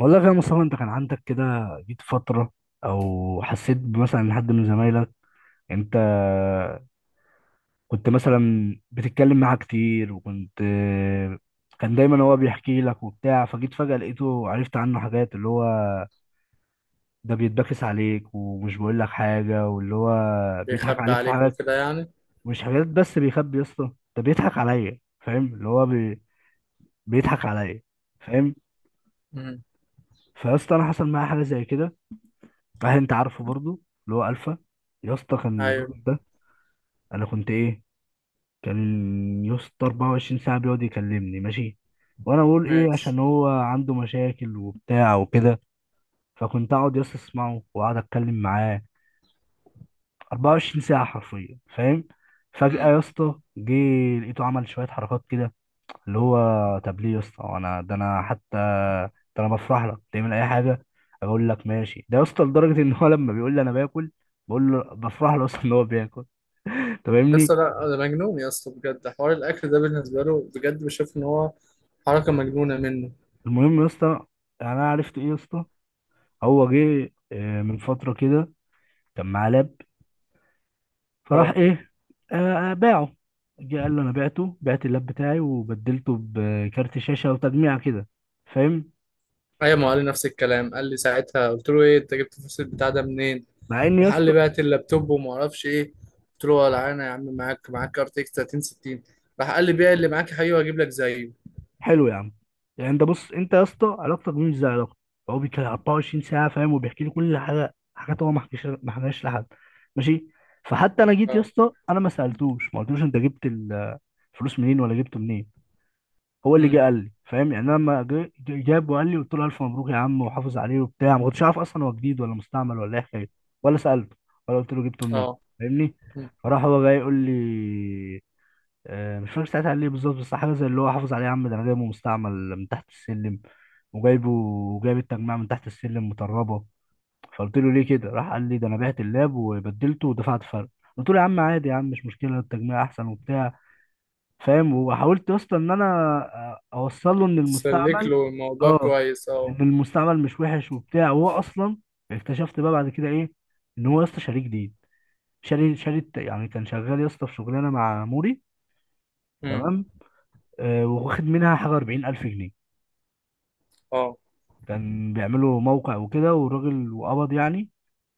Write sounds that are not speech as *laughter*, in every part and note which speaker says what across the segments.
Speaker 1: والله يا مصطفى، انت كان عندك كده؟ جيت فترة او حسيت مثلا ان حد من زمايلك انت كنت مثلا بتتكلم معاه كتير كان دايما هو بيحكي لك وبتاع، فجيت فجأة لقيته عرفت عنه حاجات، اللي هو ده بيتبكس عليك ومش بيقول لك حاجة، واللي هو بيضحك
Speaker 2: بيخبي
Speaker 1: عليك في
Speaker 2: عليك
Speaker 1: حاجات.
Speaker 2: وكده يعني.
Speaker 1: مش حاجات بس بيخبي يا اسطى، ده بيضحك عليا، فاهم؟ بيضحك عليا، فاهم؟
Speaker 2: امم.
Speaker 1: فيا اسطى، انا حصل معايا حاجة زي كده، هل انت عارفه برضو؟ اللي هو الفا، يا اسطى كان
Speaker 2: ايوه.
Speaker 1: الراجل ده انا كنت ايه، كان يا اسطى 24 ساعه بيقعد يكلمني ماشي، وانا اقول ايه
Speaker 2: ماشي.
Speaker 1: عشان هو عنده مشاكل وبتاع وكده. فكنت اقعد يا اسطى اسمعه واقعد اتكلم معاه 24 ساعه حرفيا، فاهم؟ فجاه
Speaker 2: امم.
Speaker 1: يا اسطى جه لقيته عمل شويه حركات كده، اللي هو، طب ليه يا اسطى؟ انا ده انا حتى، ده انا بفرح لك تعمل اي حاجه، اقول لك ماشي. ده يا اسطى لدرجه ان هو لما بيقول لي انا باكل، بقول له بفرح له اصلا ان هو بياكل، انت
Speaker 2: يا
Speaker 1: فاهمني؟
Speaker 2: اسطى، لا ده مجنون يا اسطى، بجد حوار الاكل ده بالنسبه له بجد بشوف ان هو حركه مجنونه منه.
Speaker 1: المهم يا اسطى، يعني انا عرفت ايه يا اسطى، هو جه من فتره كده كان معاه لاب، فراح
Speaker 2: اه.
Speaker 1: ايه؟ باعه. جه قال له انا بعته، بعت اللاب بتاعي وبدلته بكارت شاشه وتجميع كده، فاهم؟
Speaker 2: ايوه، ما هو قال لي نفس الكلام، قال لي ساعتها قلت له ايه انت جبت الفلوس البتاع ده منين؟
Speaker 1: مع ان يا
Speaker 2: راح قال لي
Speaker 1: اسطى،
Speaker 2: بعت اللابتوب وما اعرفش ايه. قلت له ولا انا يا عم، معاك كارت اكس 3060. راح قال لي بيع اللي معاك يا حبيبي وهجيب لك زيه.
Speaker 1: حلو يا عم. يعني انت بص، انت يا اسطى علاقتك بيه مش زي علاقتي، هو بيتكلم 24 ساعه فاهم، وبيحكي لي كل حاجه، حاجات هو ما حكاش لحد، ماشي. فحتى انا جيت يا
Speaker 2: اه.
Speaker 1: اسطى انا ما سالتوش ما قلتلوش انت جبت الفلوس منين ولا جبته منين، هو اللي جه
Speaker 2: امم.
Speaker 1: قال لي، فاهم؟ يعني انا لما جاب وقال لي، قلت له 1000 مبروك يا عم وحافظ عليه وبتاع، ما كنتش عارف اصلا هو جديد ولا مستعمل ولا ايه حكايته، ولا سالته ولا قلت له جبته منين،
Speaker 2: اه.
Speaker 1: فاهمني؟
Speaker 2: مم.
Speaker 1: فراح هو جاي يقول لي، مش فاكر ساعتها قال لي إيه بالظبط، بس حاجه زي اللي هو حافظ عليه يا عم، ده انا جايبه مستعمل من تحت السلم، وجايبه وجايب التجميع من تحت السلم مطربه. فقلت له ليه كده؟ راح قال لي ده انا بعت اللاب وبدلته ودفعت فرق. قلت له يا عم عادي يا عم، مش مشكله، التجميع احسن وبتاع، فاهم؟ وحاولت يا اسطى ان انا اوصل له ان
Speaker 2: تسلك
Speaker 1: المستعمل،
Speaker 2: له الموضوع
Speaker 1: اه
Speaker 2: كويس،
Speaker 1: ان
Speaker 2: اه.
Speaker 1: المستعمل مش وحش وبتاع، وهو اصلا اكتشفت بقى بعد كده ايه، ان هو يا اسطى شاريه جديد، يعني كان شغال يا اسطى في شغلانه مع موري،
Speaker 2: امم.
Speaker 1: تمام؟ واخد منها حاجة 40000 جنيه،
Speaker 2: اه.
Speaker 1: كان بيعملوا موقع وكده، والراجل وقبض يعني،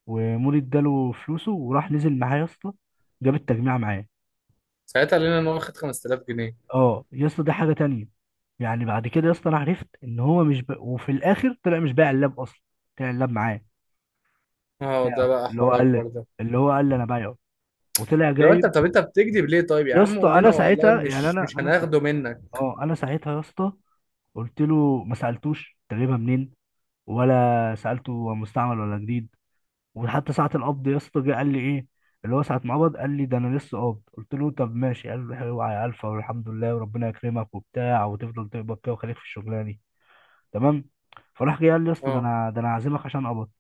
Speaker 1: ومولي اداله فلوسه وراح نزل معاه يا اسطى جاب التجميع معاه.
Speaker 2: ساعتها قال لنا ان هو واخد 5000 جنيه.
Speaker 1: اه يا اسطى دي حاجة تانية. يعني بعد كده يا اسطى انا عرفت ان هو مش ب... وفي الاخر طلع مش بايع اللاب اصلا، طلع اللاب معاه
Speaker 2: اه، ده
Speaker 1: بتاعه
Speaker 2: بقى
Speaker 1: اللي هو
Speaker 2: حوار
Speaker 1: قال،
Speaker 2: اكبر ده.
Speaker 1: اللي هو قال لي انا بايعه وطلع
Speaker 2: لو انت
Speaker 1: جايب.
Speaker 2: طب انت بتكذب ليه طيب يا
Speaker 1: يا
Speaker 2: عم،
Speaker 1: اسطى
Speaker 2: قول
Speaker 1: انا
Speaker 2: لنا والله
Speaker 1: ساعتها يعني
Speaker 2: مش مش هناخده منك.
Speaker 1: اه انا ساعتها يا اسطى قلت له ما سالتوش انت جايبها منين، ولا سالته هو مستعمل ولا جديد. وحتى ساعة القبض يا اسطى جه قال لي ايه، اللي هو ساعة ما قبض قال لي ده انا لسه قابض. قلت له طب ماشي. قال لي اوعى يا الفا، والحمد لله وربنا يكرمك وبتاع، وتفضل تقبض كده وخليك في الشغلانة دي، تمام؟ فراح جه قال لي يا اسطى ده
Speaker 2: اه.
Speaker 1: انا ده انا عازمك عشان قبض.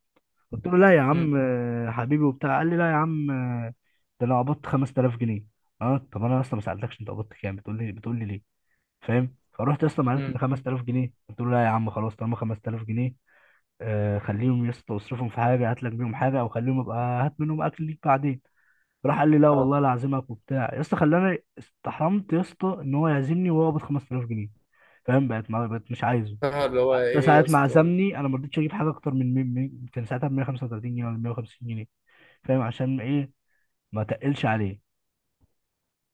Speaker 1: قلت له لا يا
Speaker 2: امم.
Speaker 1: عم حبيبي وبتاع. قال لي لا يا عم، ده انا قبضت 5000 جنيه. اه طب انا اصلا ما سالتكش انت قبضت كام، بتقول لي ليه؟ فاهم؟ فرحت اصلا، عرفت
Speaker 2: امم.
Speaker 1: ان 5000 جنيه، قلت له لا يا عم خلاص، طالما 5000 جنيه خليهم يا اسطى، اصرفهم في حاجه، هات لك بيهم حاجه، او خليهم ابقى هات منهم اكل ليك بعدين. راح قال لي لا
Speaker 2: اه.
Speaker 1: والله لا اعزمك وبتاع يا اسطى، خلاني استحرمت يا اسطى ان هو يعزمني وهو قابض 5000 جنيه، فاهم؟ بقت ما بقت مش عايزه.
Speaker 2: اه، اللي هو
Speaker 1: حتى
Speaker 2: ايه يا
Speaker 1: ساعة ما
Speaker 2: اسطى.
Speaker 1: عزمني انا ما رضيتش اجيب حاجه اكتر كان ساعتها ب 135 جنيه ولا 150 جنيه، فاهم عشان ايه؟ ما تقلش عليه.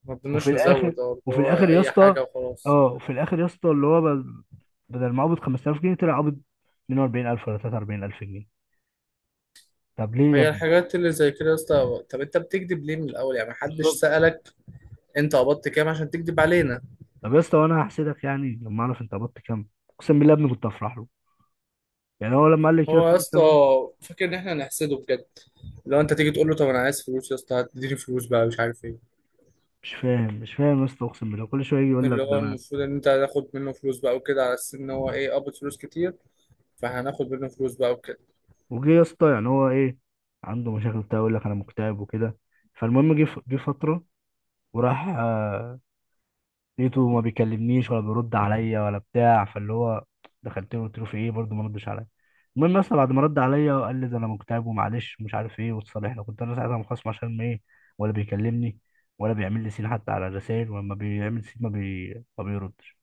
Speaker 2: ما
Speaker 1: وفي
Speaker 2: بدناش
Speaker 1: الاخر،
Speaker 2: نزود، اللي
Speaker 1: وفي
Speaker 2: هو
Speaker 1: الاخر يا
Speaker 2: اي
Speaker 1: اسطى،
Speaker 2: حاجه وخلاص.
Speaker 1: اه وفي الاخر يا اسطى اللي هو بدل ما قابض 5000 جنيه، طلع قابض 42000 ولا 43000 جنيه. طب ليه يا
Speaker 2: هي
Speaker 1: ابني؟
Speaker 2: الحاجات اللي زي كده يا اسطى، طب انت بتكذب ليه من الاول يعني، محدش
Speaker 1: بالظبط.
Speaker 2: سألك. انت قبضت كام عشان تكذب علينا؟
Speaker 1: طب يا اسطى وانا هحسدك يعني لما اعرف انت قبضت كام، اقسم بالله يا ابني كنت افرح له. يعني هو لما قال لي كده
Speaker 2: هو يا اسطى
Speaker 1: 5000،
Speaker 2: فاكر ان احنا هنحسده بجد؟ لو انت تيجي تقول له طب انا عايز فلوس يا اسطى، هتديني فلوس بقى مش عارف ايه.
Speaker 1: مش فاهم يا اسطى، اقسم بالله، كل شويه يجي يقول لك
Speaker 2: اللي
Speaker 1: ده
Speaker 2: هو
Speaker 1: انا.
Speaker 2: المفروض ان انت هتاخد منه فلوس بقى وكده، على اساس ان هو ايه قبض فلوس كتير، فهناخد منه فلوس بقى وكده.
Speaker 1: وجه يا اسطى يعني هو ايه، عنده مشاكل بتاع يقول لك انا مكتئب وكده. فالمهم جه فتره، وراح لقيته ما بيكلمنيش ولا بيرد عليا ولا بتاع، فاللي هو دخلت له قلت له في ايه برضه، ما ردش عليا. المهم اصلا بعد ما رد عليا وقال لي ده انا مكتئب ومعلش ومش عارف ايه واتصالحنا، كنت انا ساعتها مخصم عشان ما ايه، ولا بيكلمني ولا بيعمل لي سين حتى على الرسائل، ولما بيعمل سين ما بيردش.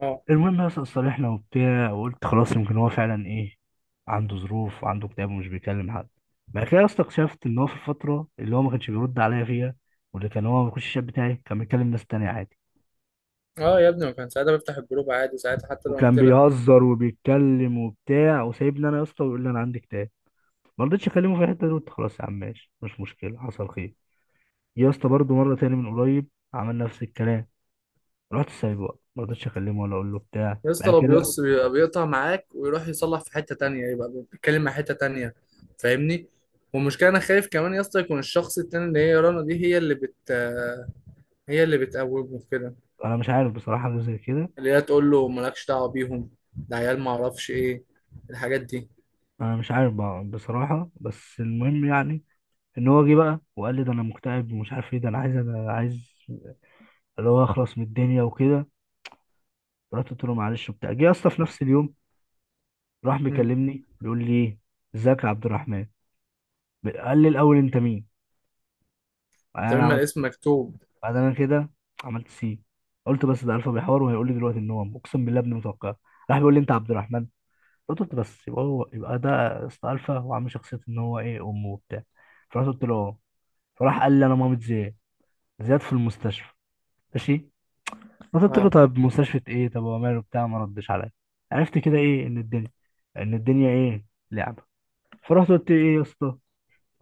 Speaker 2: اه.
Speaker 1: المهم اصلا اتصالحنا وبتاع، وقلت خلاص يمكن هو فعلا ايه، عنده ظروف وعنده اكتئاب ومش بيكلم حد. بعد كده اصلا اكتشفت ان هو في الفتره اللي هو ما كانش بيرد عليا فيها، واللي كان هو ما بيخش الشات بتاعي، كان بيكلم ناس تانية عادي،
Speaker 2: اه يا ابني، ما كان ساعتها بفتح الجروب عادي ساعتها حتى لو
Speaker 1: وكان
Speaker 2: قلت لك.
Speaker 1: بيهزر وبيتكلم وبتاع وسايبني انا يا اسطى، ويقول لي انا عندي كتاب. ما رضيتش اكلمه في الحته دي، قلت خلاص يا عم ماشي مش مشكله، حصل خير. يا اسطى برضه مره تاني من قريب عمل نفس الكلام، رحت سايبه بقى، ما رضيتش اكلمه ولا اقول له بتاع
Speaker 2: يا اسطى
Speaker 1: بقى
Speaker 2: لو
Speaker 1: كده.
Speaker 2: بيص بيبقى بيقطع معاك ويروح يصلح في حتة تانية، يبقى بيتكلم مع حتة تانية. فاهمني. والمشكلة انا خايف كمان يا اسطى يكون الشخص التاني، اللي هي رنا دي، هي اللي بتقومه في كده.
Speaker 1: انا مش عارف بصراحه حاجه زي كده.
Speaker 2: اللي هي تقول له مالكش دعوة بيهم، ده عيال ما اعرفش ايه الحاجات دي.
Speaker 1: انا مش عارف بقى بصراحه، بس المهم يعني ان هو جه بقى وقال لي ده انا مكتئب ومش عارف ايه، ده انا عايز، انا عايز اللي هو اخلص من الدنيا وكده. رحت قلت له معلش وبتاع. جه يا اسطى في نفس اليوم راح
Speaker 2: امم.
Speaker 1: مكلمني بيقول لي ايه، ازيك يا عبد الرحمن؟ قال لي الاول انت مين؟ بعدين
Speaker 2: طب
Speaker 1: انا
Speaker 2: اما
Speaker 1: عملت،
Speaker 2: الاسم مكتوب.
Speaker 1: بعدين انا كده عملت سي. قلت بس ده الفا بيحور وهيقول لي دلوقتي ان هو اقسم بالله ابن متوقع. راح بيقول لي انت عبد الرحمن. قلت له بس يبقى هو، يبقى ده اسطى الفا وعامل شخصيه ان هو ايه امه وبتاع. فرحت قلت له اه. فراح قال لي انا مامة زياد، زياد في المستشفى. ماشي. فقلت له
Speaker 2: اه.
Speaker 1: طب مستشفى ايه، طب هو ماله بتاع، ما ردش عليا. عرفت كده ايه ان الدنيا، ان الدنيا ايه، لعبه. فرحت قلت له ايه يا اسطى،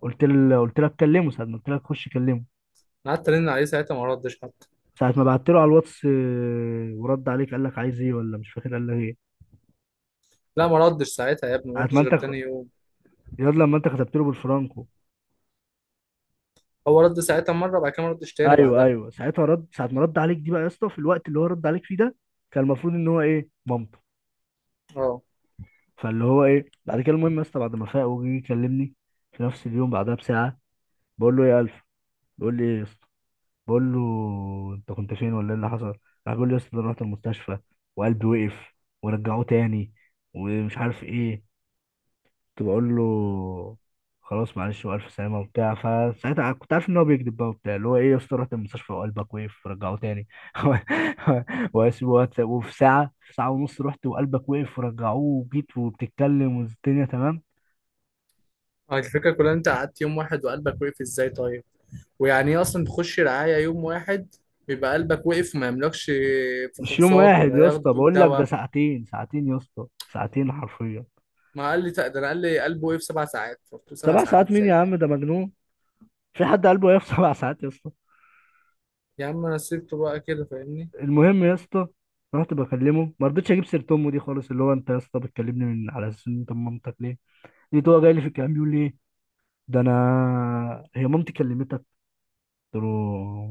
Speaker 1: قلت له اتكلمه ساعه ما قلت لك خش كلمه.
Speaker 2: أنا قعدت ارن عليه ساعتها، ما ردش حتى.
Speaker 1: ساعة ما بعت له على الواتس ورد عليك قال لك عايز ايه ولا مش فاكر قال لك ايه؟
Speaker 2: لا، ما ردش ساعتها يا ابني، ما
Speaker 1: ساعة ما
Speaker 2: ردش غير
Speaker 1: انت
Speaker 2: تاني يوم.
Speaker 1: ياد لما انت كتبت له بالفرانكو.
Speaker 2: هو رد ساعتها مرة بعد كده، ما ردش تاني
Speaker 1: ايوه
Speaker 2: بعدها.
Speaker 1: ايوه ساعتها رد، ساعة ما رد عليك دي بقى يا اسطى، في الوقت اللي هو رد عليك فيه ده، كان المفروض ان هو ايه مامته.
Speaker 2: اه.
Speaker 1: فاللي هو ايه بعد كده المهم يا اسطى بعد ما فاق وجي يكلمني في نفس اليوم بعدها بساعة، بقول له يا الف، بيقول لي ايه يا اسطى، بقول له انت كنت فين ولا ايه اللي حصل؟ راح بيقول لي يا اسطى ده أنا رحت المستشفى وقلبي وقف ورجعوه تاني، ومش عارف ايه. كنت بقول له خلاص معلش والف سلامه وبتاع. فساعتها كنت عارف ان هو بيكذب بقى وبتاع، اللي هو ايه يا اسطى رحت المستشفى وقلبك وقف رجعوه تاني *laughs* وفي ساعه في ساعه ونص رحت وقلبك وقف ورجعوه وجيت وبتتكلم والدنيا تمام.
Speaker 2: الفكرة كلها إن انت قعدت يوم واحد وقلبك وقف ازاي طيب؟ ويعني ايه اصلا تخش رعاية يوم واحد بيبقى قلبك وقف وما يملكش
Speaker 1: مش يوم
Speaker 2: فحوصات
Speaker 1: واحد
Speaker 2: ولا
Speaker 1: يا اسطى،
Speaker 2: ياخدوك
Speaker 1: بقول لك ده
Speaker 2: دواء؟
Speaker 1: ساعتين ساعتين يا اسطى، ساعتين حرفيا.
Speaker 2: ما قال لي ده انا قال لي قلبه وقف 7 ساعات، قلت له سبع
Speaker 1: سبع
Speaker 2: ساعات
Speaker 1: ساعات مين
Speaker 2: ازاي؟
Speaker 1: يا عم، ده مجنون. في حد قلبه وقف *laughs* سبع ساعات يا اسطى؟
Speaker 2: يا عم انا سيبته بقى كده، فاهمني.
Speaker 1: المهم يا اسطى رحت بكلمه، ما رضيتش اجيب سيره امه دي خالص، اللي هو، انت يا اسطى بتكلمني من على اساس ان انت من مامتك ليه؟ لقيت هو جاي لي في الكلام بيقول لي ايه، ده انا هي مامتي كلمتك. قلت له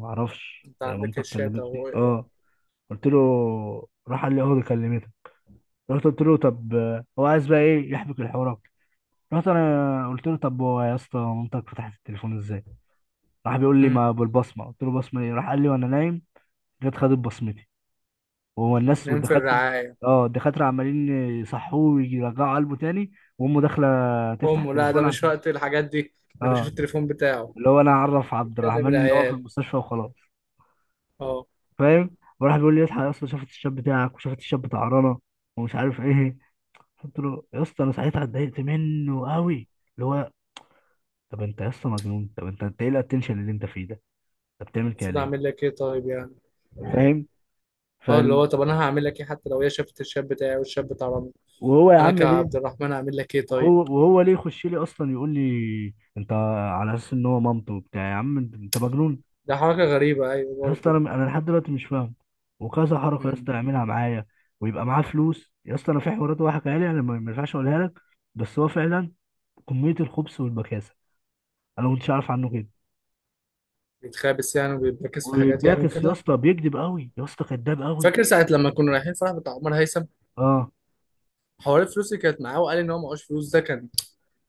Speaker 1: ما اعرفش
Speaker 2: انت
Speaker 1: هي
Speaker 2: عندك
Speaker 1: مامتك
Speaker 2: الشات
Speaker 1: كلمتني
Speaker 2: اهو اقرا.
Speaker 1: اه، قلت له. راح قال لي اه دي كلمتك. رحت قلت له طب هو عايز بقى ايه يحبك الحوار أكتر. رحت انا قلت له طب هو يا اسطى مامتك فتحت التليفون ازاي؟ راح بيقول لي
Speaker 2: أمم.
Speaker 1: ما بالبصمه. قلت له بصمه ايه؟ راح قال لي وانا نايم جت خدت بصمتي. وهو الناس
Speaker 2: نام في
Speaker 1: والدكاتره،
Speaker 2: الرعاية.
Speaker 1: اه الدكاتره عمالين يصحوه ويرجعوا قلبه تاني، وامه داخله تفتح
Speaker 2: امه، لا ده
Speaker 1: التليفون،
Speaker 2: مش
Speaker 1: عشان
Speaker 2: وقت الحاجات دي. انا بشوف
Speaker 1: اه
Speaker 2: التليفون بتاعه
Speaker 1: اللي هو انا اعرف عبد
Speaker 2: بيتكلم
Speaker 1: الرحمن ان هو في
Speaker 2: العيال.
Speaker 1: المستشفى وخلاص،
Speaker 2: اه.
Speaker 1: فاهم؟ وراح بيقول لي اصحى يا اسطى، شافت الشاب بتاعك وشافت الشاب بتاع رنا، ومش عارف ايه. قلت له يا اسطى انا ساعتها اتضايقت منه قوي، اللي هو، طب انت يا اسطى مجنون، طب انت ايه الاتنشن اللي انت فيه ده، انت بتعمل كده
Speaker 2: المفروض
Speaker 1: ليه؟
Speaker 2: اعمل لك ايه طيب يعني.
Speaker 1: فاهم؟
Speaker 2: اه، اللي
Speaker 1: فال...
Speaker 2: هو طب انا هعمل لك ايه حتى لو هي شافت الشاب بتاعي والشاب بتاع رامي.
Speaker 1: وهو يا
Speaker 2: انا
Speaker 1: عم ليه،
Speaker 2: كعبد الرحمن هعمل لك ايه طيب؟
Speaker 1: وهو ليه يخش لي اصلا يقول لي انت، على اساس ان هو مامته وبتاع، يا عم انت أنت مجنون.
Speaker 2: ده حركه غريبه ايوه
Speaker 1: يا اسطى
Speaker 2: برضه.
Speaker 1: انا لحد دلوقتي مش فاهم، وكذا حركه يا اسطى
Speaker 2: امم.
Speaker 1: يعملها معايا ويبقى معاه فلوس، يا اسطى انا في حوارات هو حكاها لي انا ما ينفعش اقولها لك، بس هو فعلا كميه الخبث والبكاسه انا ما كنتش عارف عنه كده.
Speaker 2: بيتخابس يعني وبيركز في حاجات يعني
Speaker 1: وباكس يا
Speaker 2: وكده.
Speaker 1: اسطى، بيكذب قوي يا اسطى، كذاب قوي.
Speaker 2: فاكر ساعه لما كنا رايحين فرح بتاع عمر هيثم،
Speaker 1: اه،
Speaker 2: حوار الفلوس اللي كانت معاه وقال ان هو معهوش فلوس ده كان.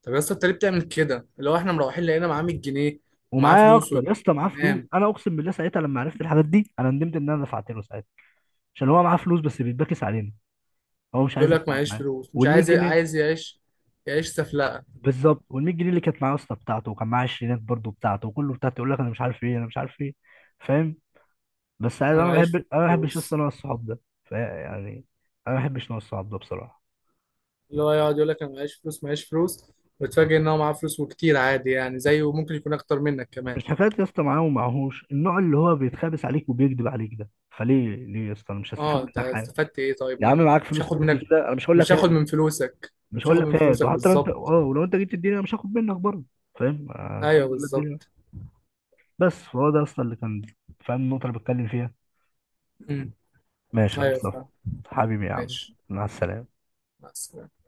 Speaker 2: طب يا اسطى انت ليه بتعمل كده، اللي هو احنا مروحين لقينا معاه 100 جنيه ومعاه
Speaker 1: ومعايا
Speaker 2: فلوس
Speaker 1: اكتر يا اسطى، معاه فلوس،
Speaker 2: وتمام.
Speaker 1: انا اقسم بالله ساعتها لما عرفت الحاجات دي انا ندمت ان انا دفعت له ساعتها، عشان هو معاه فلوس بس بيتباكس علينا، هو مش عايز
Speaker 2: يقول لك
Speaker 1: يدفع
Speaker 2: معيش
Speaker 1: معاه.
Speaker 2: فلوس، مش
Speaker 1: وال 100
Speaker 2: عايز
Speaker 1: جنيه
Speaker 2: عايز يعيش، يعيش سفلقه.
Speaker 1: بالظبط، وال 100 جنيه اللي كانت معايا اصلا بتاعته، وكان معايا عشرينات برضه بتاعته، وكله بتاعته، يقول لك انا مش عارف ايه انا مش عارف ايه، فاهم؟ بس عايز
Speaker 2: انا
Speaker 1: انا بحب
Speaker 2: معيش
Speaker 1: انا ما بحبش
Speaker 2: فلوس.
Speaker 1: اصلا انا الصحاب ده يعني انا ما بحبش نوع الصحاب ده بصراحه.
Speaker 2: اللي هو يقعد يقول لك انا معيش فلوس معيش فلوس، وتفاجئ ان هو معاه فلوس وكتير عادي يعني زيه وممكن يكون اكتر منك كمان.
Speaker 1: مش حكايه يا اسطى معاه ومعهوش، النوع اللي هو بيتخابس عليك وبيكذب عليك ده، فليه ليه يا اسطى؟ انا مش هستفاد
Speaker 2: اه، انت
Speaker 1: منك حاجه،
Speaker 2: استفدت ايه طيب
Speaker 1: يا
Speaker 2: ما
Speaker 1: عم
Speaker 2: أنا
Speaker 1: معاك
Speaker 2: مش
Speaker 1: فلوس
Speaker 2: هاخد
Speaker 1: قد
Speaker 2: منك،
Speaker 1: كده انا مش هقول لك
Speaker 2: مش هاخد
Speaker 1: هات،
Speaker 2: من فلوسك،
Speaker 1: مش
Speaker 2: مش
Speaker 1: هقول
Speaker 2: هاخد
Speaker 1: لك
Speaker 2: من
Speaker 1: هات،
Speaker 2: فلوسك
Speaker 1: وحتى لو انت اه
Speaker 2: بالظبط.
Speaker 1: ولو انت جيت تديني انا مش هاخد منك برضه، فاهم؟ آه
Speaker 2: ايوه
Speaker 1: الحمد لله الدنيا.
Speaker 2: بالظبط.
Speaker 1: بس فهو ده اصلا اللي كان، فاهم النقطه اللي بتكلم فيها؟
Speaker 2: امم.
Speaker 1: ماشي يا
Speaker 2: ايوه،
Speaker 1: مصطفى،
Speaker 2: فاهم.
Speaker 1: حبيبي يا عم،
Speaker 2: ماشي.
Speaker 1: مع السلامة.
Speaker 2: مع السلامة.